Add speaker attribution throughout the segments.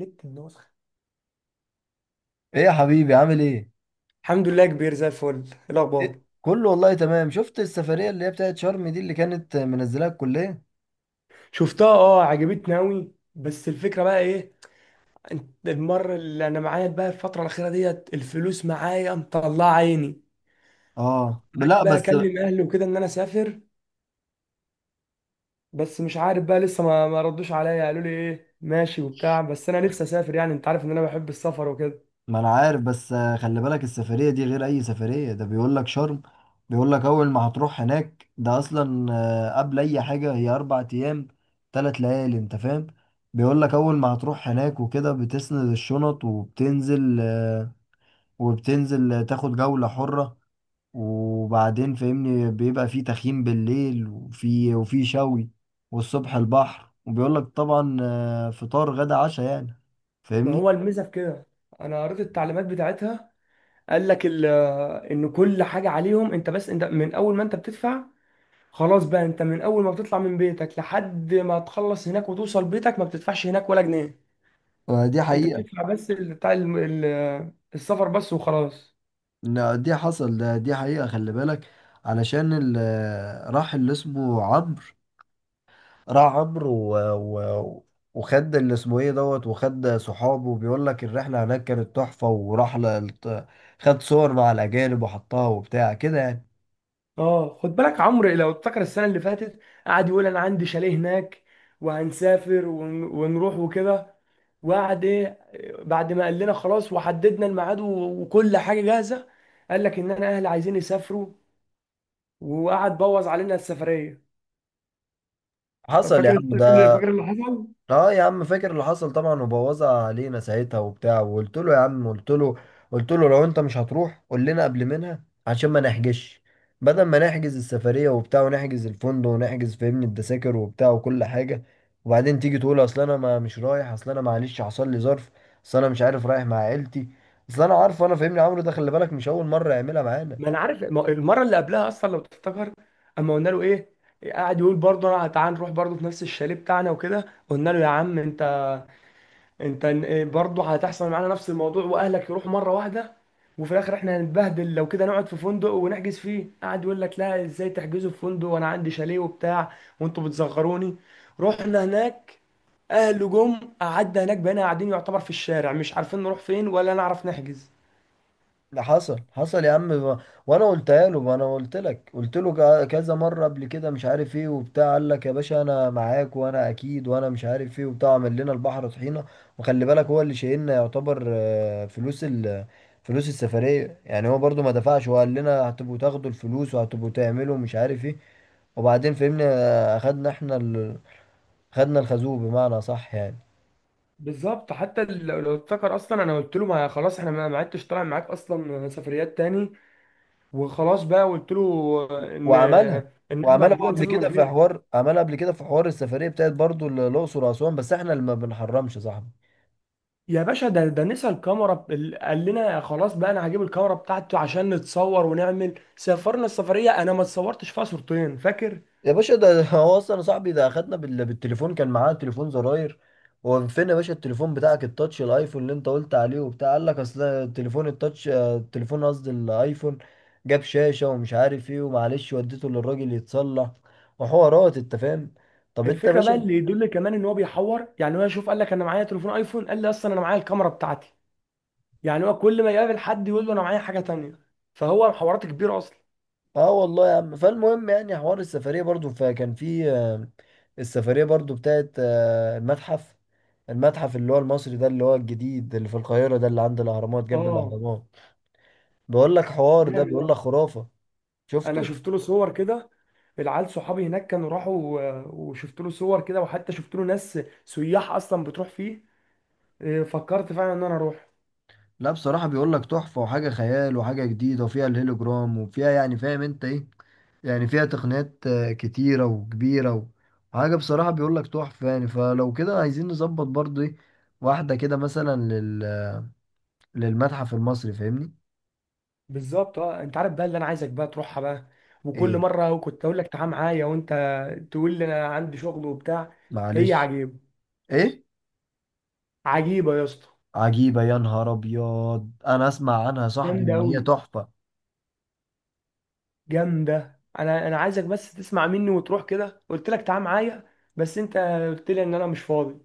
Speaker 1: ليك النسخة.
Speaker 2: ايه يا حبيبي عامل ايه؟
Speaker 1: الحمد لله، كبير زي الفل. إيه الاخبار؟
Speaker 2: إيه؟ كله والله تمام، شفت السفرية اللي هي بتاعت شرم دي اللي كانت منزلاها الكلية؟
Speaker 1: شفتها، اه عجبتني قوي. بس الفكرة بقى ايه؟ انت المرة اللي انا معايا بقى الفترة الأخيرة ديت الفلوس معايا مطلعة عيني.
Speaker 2: اه، لا
Speaker 1: قعدت بقى
Speaker 2: بس.
Speaker 1: اكلم اهلي وكده ان انا اسافر. بس مش عارف بقى لسه ما ردوش عليا، قالوا لي ايه ماشي وبتاع. بس انا نفسي اسافر، يعني انت عارف ان انا بحب السفر وكده.
Speaker 2: ما انا عارف، بس خلي بالك السفرية دي غير اي سفرية، ده بيقول لك شرم. بيقول لك اول ما هتروح هناك، ده اصلا قبل اي حاجة هي 4 ايام، 3 ليالي، انت فاهم؟ بيقول لك اول ما هتروح هناك وكده بتسند الشنط، وبتنزل تاخد جولة حرة، وبعدين فاهمني بيبقى في تخييم بالليل، وفي شوي. والصبح البحر، وبيقول لك طبعا فطار غدا عشاء، يعني
Speaker 1: ما
Speaker 2: فاهمني.
Speaker 1: هو الميزة في كده. انا قريت التعليمات بتاعتها. قال لك ال- ان كل حاجة عليهم، انت بس انت من اول ما انت بتدفع خلاص بقى. انت من اول ما بتطلع من بيتك لحد ما تخلص هناك وتوصل بيتك ما بتدفعش هناك ولا جنيه.
Speaker 2: دي
Speaker 1: انت
Speaker 2: حقيقة.
Speaker 1: بتدفع بس السفر بس وخلاص.
Speaker 2: لا، دي حصل ده، دي حقيقة خلي بالك، علشان راح اللي اسمه عمرو. راح عمرو و... وخد اللي اسمه ايه دوت وخد صحابه، وبيقول لك الرحلة هناك كانت تحفة، خد صور مع الأجانب وحطها وبتاع كده يعني.
Speaker 1: اه خد بالك، عمرو لو افتكر السنه اللي فاتت قعد يقول انا عندي شاليه هناك وهنسافر ونروح وكده. وقعد ايه، بعد ما قال لنا خلاص وحددنا الميعاد وكل حاجه جاهزه، قال لك ان انا اهلي عايزين يسافروا، وقعد بوظ علينا السفريه.
Speaker 2: حصل يا عم ده.
Speaker 1: فاكر اللي حصل؟
Speaker 2: اه يا عم، فاكر اللي حصل طبعا، وبوظها علينا ساعتها وبتاع، وقلت له يا عم، قلت له لو انت مش هتروح قول لنا قبل منها، عشان ما نحجزش، بدل ما نحجز السفرية وبتاع ونحجز الفندق ونحجز فاهمني التذاكر وبتاع وكل حاجة، وبعدين تيجي تقول اصل انا ما مش رايح، اصل انا معلش حصل لي ظرف، اصل انا مش عارف رايح مع عيلتي، اصل انا عارف. انا فاهمني عمرو ده، خلي بالك مش اول مرة يعملها معانا.
Speaker 1: ما انا عارف. المره اللي قبلها اصلا لو تفتكر، اما قلنا له ايه، قاعد يقول برضه انا تعال نروح برضه في نفس الشاليه بتاعنا وكده. قلنا له يا عم انت، انت إيه برضه هتحصل معانا نفس الموضوع واهلك يروحوا مره واحده وفي الاخر احنا هنتبهدل. لو كده نقعد في فندق ونحجز فيه، قاعد يقول لك لا ازاي تحجزوا في فندق وانا عندي شاليه وبتاع وانتوا بتصغروني. رحنا هناك اهله جم، قعدنا هناك بقينا قاعدين يعتبر في الشارع مش عارفين نروح فين ولا نعرف نحجز.
Speaker 2: ده حصل حصل يا عم، وانا قلتها له، ما انا قلت لك، قلت له كذا مره قبل كده، مش عارف ايه وبتاع. قال لك يا باشا انا معاك وانا اكيد وانا مش عارف ايه وبتاع، عمل لنا البحر طحينه. وخلي بالك هو اللي شايلنا يعتبر فلوس السفريه، يعني هو برضو ما دفعش، وقال لنا هتبقوا تاخدوا الفلوس وهتبقوا تعملوا مش عارف ايه. وبعدين فهمنا، خدنا الخازوق بمعنى صح يعني.
Speaker 1: بالظبط. حتى لو افتكر اصلا انا قلت له ما خلاص احنا ما عدتش طالع معاك اصلا سفريات تاني. وخلاص بقى قلت له ان،
Speaker 2: وعملها
Speaker 1: احنا بعد
Speaker 2: وعملها هو
Speaker 1: كده
Speaker 2: قبل. أيوة،
Speaker 1: هنسافر من
Speaker 2: كده في
Speaker 1: غير.
Speaker 2: حوار، عملها قبل كده في حوار السفريه بتاعت برضو الاقصر واسوان، بس احنا اللي ما بنحرمش يا صاحبي.
Speaker 1: يا باشا ده نسى الكاميرا قال لنا خلاص بقى انا هجيب الكاميرا بتاعته عشان نتصور ونعمل سافرنا السفريه انا ما اتصورتش فيها صورتين فاكر.
Speaker 2: يا باشا ده هو اصلا يا صاحبي ده اخدنا بالتليفون، كان معاه تليفون زراير. هو فين يا باشا التليفون بتاعك التاتش الايفون اللي انت قلت عليه وبتاع؟ قال لك اصل التليفون التاتش آه، التليفون، قصدي الايفون، جاب شاشه ومش عارف ايه ومعلش وديته للراجل يتصلح، وحوارات انت فاهم. طب انت يا
Speaker 1: الفكره بقى
Speaker 2: باشا.
Speaker 1: اللي يدل كمان ان هو بيحور، يعني هو يشوف قال لك انا معايا تليفون ايفون، قال لي اصلا انا معايا الكاميرا بتاعتي، يعني هو كل ما يقابل حد يقول له انا معايا حاجه تانيه. فهو حوارات كبيره اصلا.
Speaker 2: اه والله يا عم، فالمهم يعني حوار السفرية برضو، فكان في السفرية برضو بتاعت المتحف، المتحف اللي هو المصري ده، اللي هو الجديد اللي في القاهرة، ده اللي عند الأهرامات، جنب
Speaker 1: اه،
Speaker 2: الأهرامات. بيقول لك حوار، ده
Speaker 1: جامد
Speaker 2: بيقول لك
Speaker 1: أوي.
Speaker 2: خرافة.
Speaker 1: انا
Speaker 2: شفته؟
Speaker 1: شفت له صور كده. العيال صحابي هناك كانوا راحوا وشفت له صور كده، وحتى شفت له ناس سياح اصلا بتروح فيه. إيه، فكرت فعلا ان انا اروح.
Speaker 2: لا بصراحة، بيقول لك تحفة وحاجة خيال وحاجة جديدة، وفيها الهيلوجرام وفيها، يعني فاهم انت ايه، يعني فيها تقنيات كتيرة وكبيرة، وحاجة بصراحة بيقول لك تحفة. يعني فلو كده عايزين نظبط برضو ايه، واحدة كده مثلا للمتحف المصري، فاهمني؟
Speaker 1: بالظبط. اه انت عارف بقى اللي انا عايزك بقى تروحها بقى، وكل
Speaker 2: ايه.
Speaker 1: مره كنت اقول لك تعال معايا وانت تقول لي انا عندي شغل وبتاع. هي
Speaker 2: معلش.
Speaker 1: عجيبه.
Speaker 2: ايه.
Speaker 1: عجيبه يا اسطى،
Speaker 2: عجيبة يا نهار ابيض، انا اسمع عنها صاحبي
Speaker 1: جامده
Speaker 2: ان
Speaker 1: قوي.
Speaker 2: هي تحفة.
Speaker 1: جامده. انا عايزك بس تسمع مني وتروح كده. قلت لك تعال معايا بس انت قلت لي ان انا مش فاضي.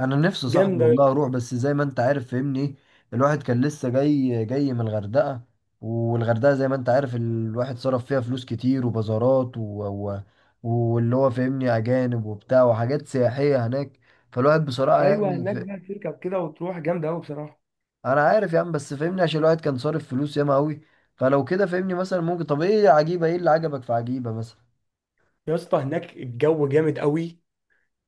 Speaker 2: انا نفسي صاحبي
Speaker 1: جامده.
Speaker 2: والله اروح، بس زي ما انت عارف فهمني، الواحد كان لسه جاي جاي من الغردقة، والغردقة زي ما انت عارف الواحد صرف فيها فلوس كتير وبازارات واللي هو فهمني اجانب وبتاع وحاجات سياحية هناك، فالواحد بصراحة
Speaker 1: ايوه
Speaker 2: يعني
Speaker 1: هناك بقى تركب كده وتروح جامده قوي بصراحه.
Speaker 2: انا عارف يا عم، بس فهمني عشان الواحد كان صارف فلوس ياما قوي. فلو كده فهمني مثلا ممكن، طب ايه يا عجيبة، ايه اللي عجبك في عجيبة مثلا؟
Speaker 1: يا اسطى هناك الجو جامد قوي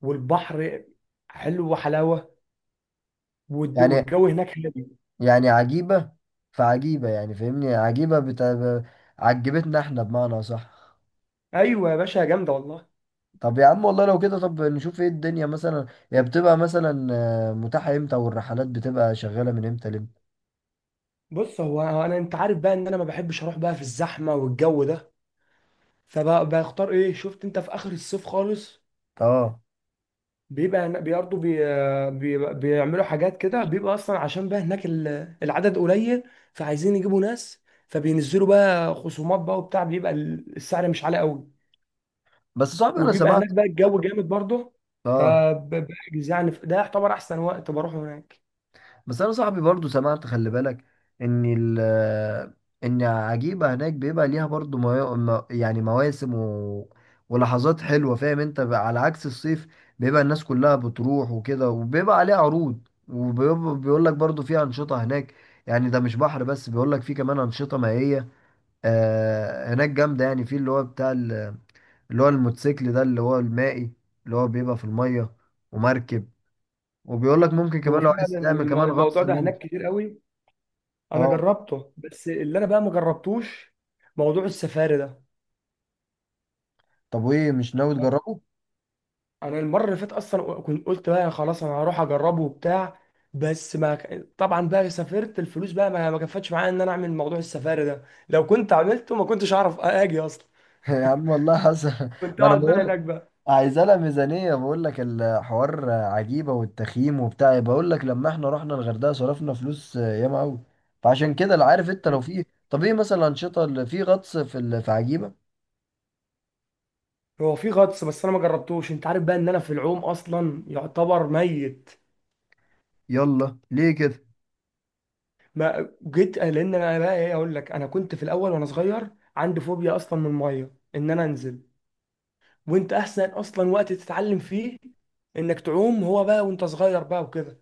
Speaker 1: والبحر حلو وحلاوه،
Speaker 2: يعني،
Speaker 1: والجو هناك هادي.
Speaker 2: يعني عجيبة، فعجيبة يعني فاهمني، عجبتنا احنا بمعنى صح.
Speaker 1: ايوه يا باشا جامده والله.
Speaker 2: طب يا عم والله لو كده، طب نشوف ايه الدنيا مثلا، هي بتبقى مثلا متاحة امتى، والرحلات بتبقى شغالة من امتى لامتى؟
Speaker 1: بص هو انا، انت عارف بقى ان انا ما بحبش اروح بقى في الزحمه والجو ده، فبختار ايه شفت انت في اخر الصيف خالص.
Speaker 2: اه.
Speaker 1: بيبقى هنا- برضه بي بي بيعملوا حاجات كده، بيبقى اصلا عشان بقى هناك العدد قليل، فعايزين يجيبوا ناس فبينزلوا بقى خصومات بقى وبتاع، بيبقى السعر مش عالي قوي.
Speaker 2: بس صاحبي انا
Speaker 1: وبيبقى هناك
Speaker 2: سمعت،
Speaker 1: بقى الجو جامد برضه،
Speaker 2: اه
Speaker 1: فبحجز يعني ده يعتبر احسن وقت بروحه هناك.
Speaker 2: بس انا صاحبي برضو سمعت، خلي بالك ان ان عجيبة هناك بيبقى ليها برضو يعني مواسم ولحظات حلوة، فاهم انت بقى؟ على عكس الصيف بيبقى الناس كلها بتروح وكده، وبيبقى عليها عروض، وبيقول لك برضو في أنشطة هناك، يعني ده مش بحر بس، بيقول لك في كمان أنشطة مائية هناك جامدة، يعني في اللي هو اللي هو الموتوسيكل ده اللي هو المائي، اللي هو بيبقى في المية، ومركب، وبيقول لك ممكن
Speaker 1: هو
Speaker 2: كمان لو عايز
Speaker 1: فعلا
Speaker 2: تعمل كمان غطس
Speaker 1: الموضوع ده هناك
Speaker 2: ممكن.
Speaker 1: كتير قوي، انا
Speaker 2: اه.
Speaker 1: جربته بس اللي انا بقى ما جربتوش موضوع السفاري ده.
Speaker 2: طب وايه، مش ناوي تجربه؟
Speaker 1: انا المره اللي فاتت اصلا كنت قلت بقى خلاص انا هروح اجربه وبتاع، بس ما ك- طبعا بقى سافرت الفلوس بقى ما كفتش معايا ان انا اعمل موضوع السفاري ده. لو كنت عملته ما كنتش اعرف اجي اصلا،
Speaker 2: يا عم والله حسن.
Speaker 1: كنت
Speaker 2: ما انا
Speaker 1: اقعد بقى
Speaker 2: بقول،
Speaker 1: هناك بقى.
Speaker 2: عايزه لها ميزانيه، بقول لك الحوار عجيبه والتخييم وبتاع، بقول لك لما احنا رحنا الغردقه صرفنا فلوس ياما قوي، فعشان كده لا، عارف انت لو في؟ طب ايه مثلا الانشطه اللي في غطس في عجيبه؟
Speaker 1: هو في غطس بس انا ما جربتوش. انت عارف بقى ان انا في العوم اصلا يعتبر ميت.
Speaker 2: يلا ليه كده.
Speaker 1: ما جيت لان انا بقى ايه اقول لك، انا كنت في الاول وانا صغير عندي فوبيا اصلا من الميه ان انا انزل، وانت احسن اصلا وقت تتعلم فيه انك تعوم هو بقى وانت صغير بقى وكده.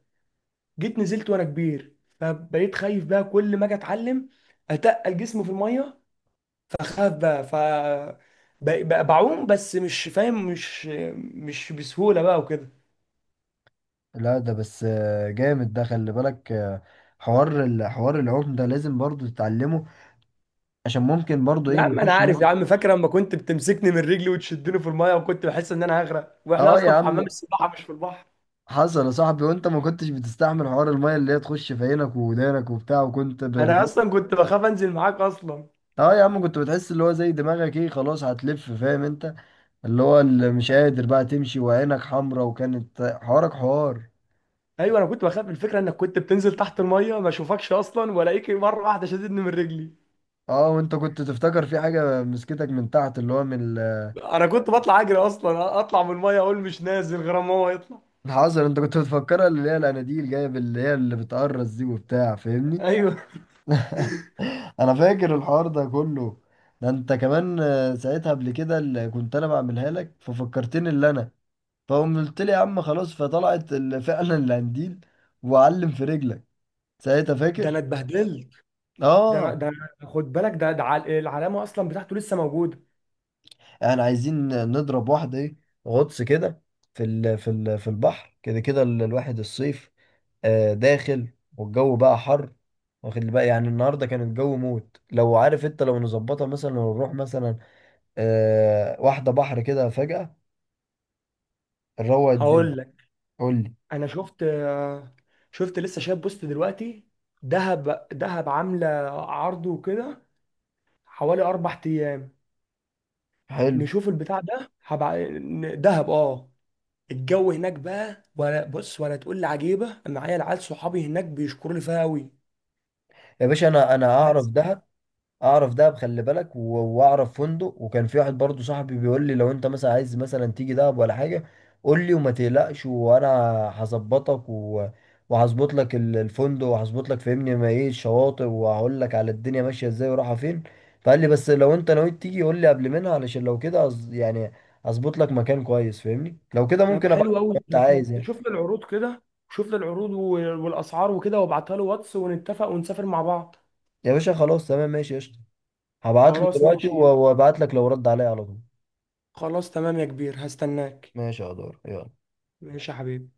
Speaker 1: جيت نزلت وانا كبير فبقيت خايف بقى كل ما اجي اتعلم اتقل جسمي في الميه فاخاف بقى، ف بقى بعوم بس مش فاهم، مش بسهوله بقى وكده.
Speaker 2: لا ده بس جامد ده خلي بالك، الحوار العوم ده لازم برضو تتعلمه، عشان ممكن برضو
Speaker 1: يا
Speaker 2: ايه
Speaker 1: عم انا
Speaker 2: نخش
Speaker 1: عارف يا
Speaker 2: مثلا.
Speaker 1: عم، فاكر لما كنت بتمسكني من رجلي وتشدني في المايه وكنت بحس ان انا هغرق واحنا
Speaker 2: اه يا
Speaker 1: اصلا في حمام
Speaker 2: عم،
Speaker 1: السباحه مش في البحر؟
Speaker 2: حصل يا صاحبي. وانت ما كنتش بتستحمل حوار الميه اللي هي تخش في عينك ودانك وبتاع،
Speaker 1: انا اصلا كنت بخاف انزل معاك اصلا.
Speaker 2: اه يا عم. كنت بتحس اللي هو زي دماغك ايه، خلاص هتلف، فاهم انت، اللي هو اللي مش قادر بقى تمشي، وعينك حمرا، وكانت حوارك حوار.
Speaker 1: ايوه انا كنت بخاف الفكره انك كنت بتنزل تحت المايه ما اشوفكش اصلا والاقيك مره واحده شددني من رجلي.
Speaker 2: اه، وانت كنت تفتكر في حاجه مسكتك من تحت، اللي هو
Speaker 1: انا كنت بطلع اجري اصلا اطلع من المايه اقول مش نازل غير ما هو يطلع.
Speaker 2: الحذر انت كنت بتفكرها، اللي هي الاناديل جايه، اللي هي اللي بتقرص دي وبتاع فاهمني.
Speaker 1: ايوه.
Speaker 2: انا فاكر الحوار ده كله، ده انت كمان ساعتها قبل كده اللي كنت انا بعملها لك، ففكرتني اللي انا، فقوم قلت لي يا عم خلاص، فطلعت فعلا القنديل وعلم في رجلك ساعتها
Speaker 1: ده انا
Speaker 2: فاكر؟
Speaker 1: اتبهدلت. ده انا،
Speaker 2: اه.
Speaker 1: خد بالك، العلامه اصلا بتاعته لسه موجوده.
Speaker 2: احنا عايزين نضرب واحده ايه، غطس كده، في البحر كده الواحد الصيف داخل والجو بقى حر، واخد لي بقى يعني النهارده كان الجو موت، لو عارف انت، لو نظبطها مثلا ونروح مثلا واحده بحر كده فجأة، نروق الدنيا.
Speaker 1: هقول.
Speaker 2: قول لي.
Speaker 1: انا شفت، شفت لسه شايف بوست دلوقتي، دهب عامله عرض وكده حوالي 4 ايام.
Speaker 2: حلو.
Speaker 1: نشوف البتاع ده دهب اه. الجو هناك بقى، ولا بص ولا تقول لي عجيبه، أنا معايا العيال صحابي هناك بيشكروا لي فيها قوي.
Speaker 2: يا باشا انا اعرف دهب، اعرف دهب خلي بالك، واعرف فندق، وكان في واحد برضو صاحبي بيقول لي لو انت مثلا عايز مثلا تيجي دهب ولا حاجه قول لي وما تقلقش وانا هظبطك وهظبط لك الفندق، وهظبط لك فهمني ما ايه الشواطئ، وهقول لك على الدنيا ماشيه ازاي ورايحه فين. فقال لي بس لو انت نويت تيجي قول لي قبل منها، علشان لو كده يعني اظبط لك مكان كويس، فاهمني لو كده
Speaker 1: طب
Speaker 2: ممكن ابعت
Speaker 1: حلو
Speaker 2: لك لو
Speaker 1: قوي.
Speaker 2: انت
Speaker 1: طب ما
Speaker 2: عايز يعني.
Speaker 1: شوف لي العروض كده. شوف لي العروض والاسعار وكده، وابعتها له واتس ونتفق ونسافر مع بعض.
Speaker 2: يا باشا خلاص تمام ماشي قشطه، هبعت له
Speaker 1: خلاص
Speaker 2: دلوقتي
Speaker 1: ماشي.
Speaker 2: وابعت لك لو رد عليا على طول.
Speaker 1: خلاص تمام يا كبير هستناك.
Speaker 2: ماشي يا دور يلا.
Speaker 1: ماشي يا حبيبي.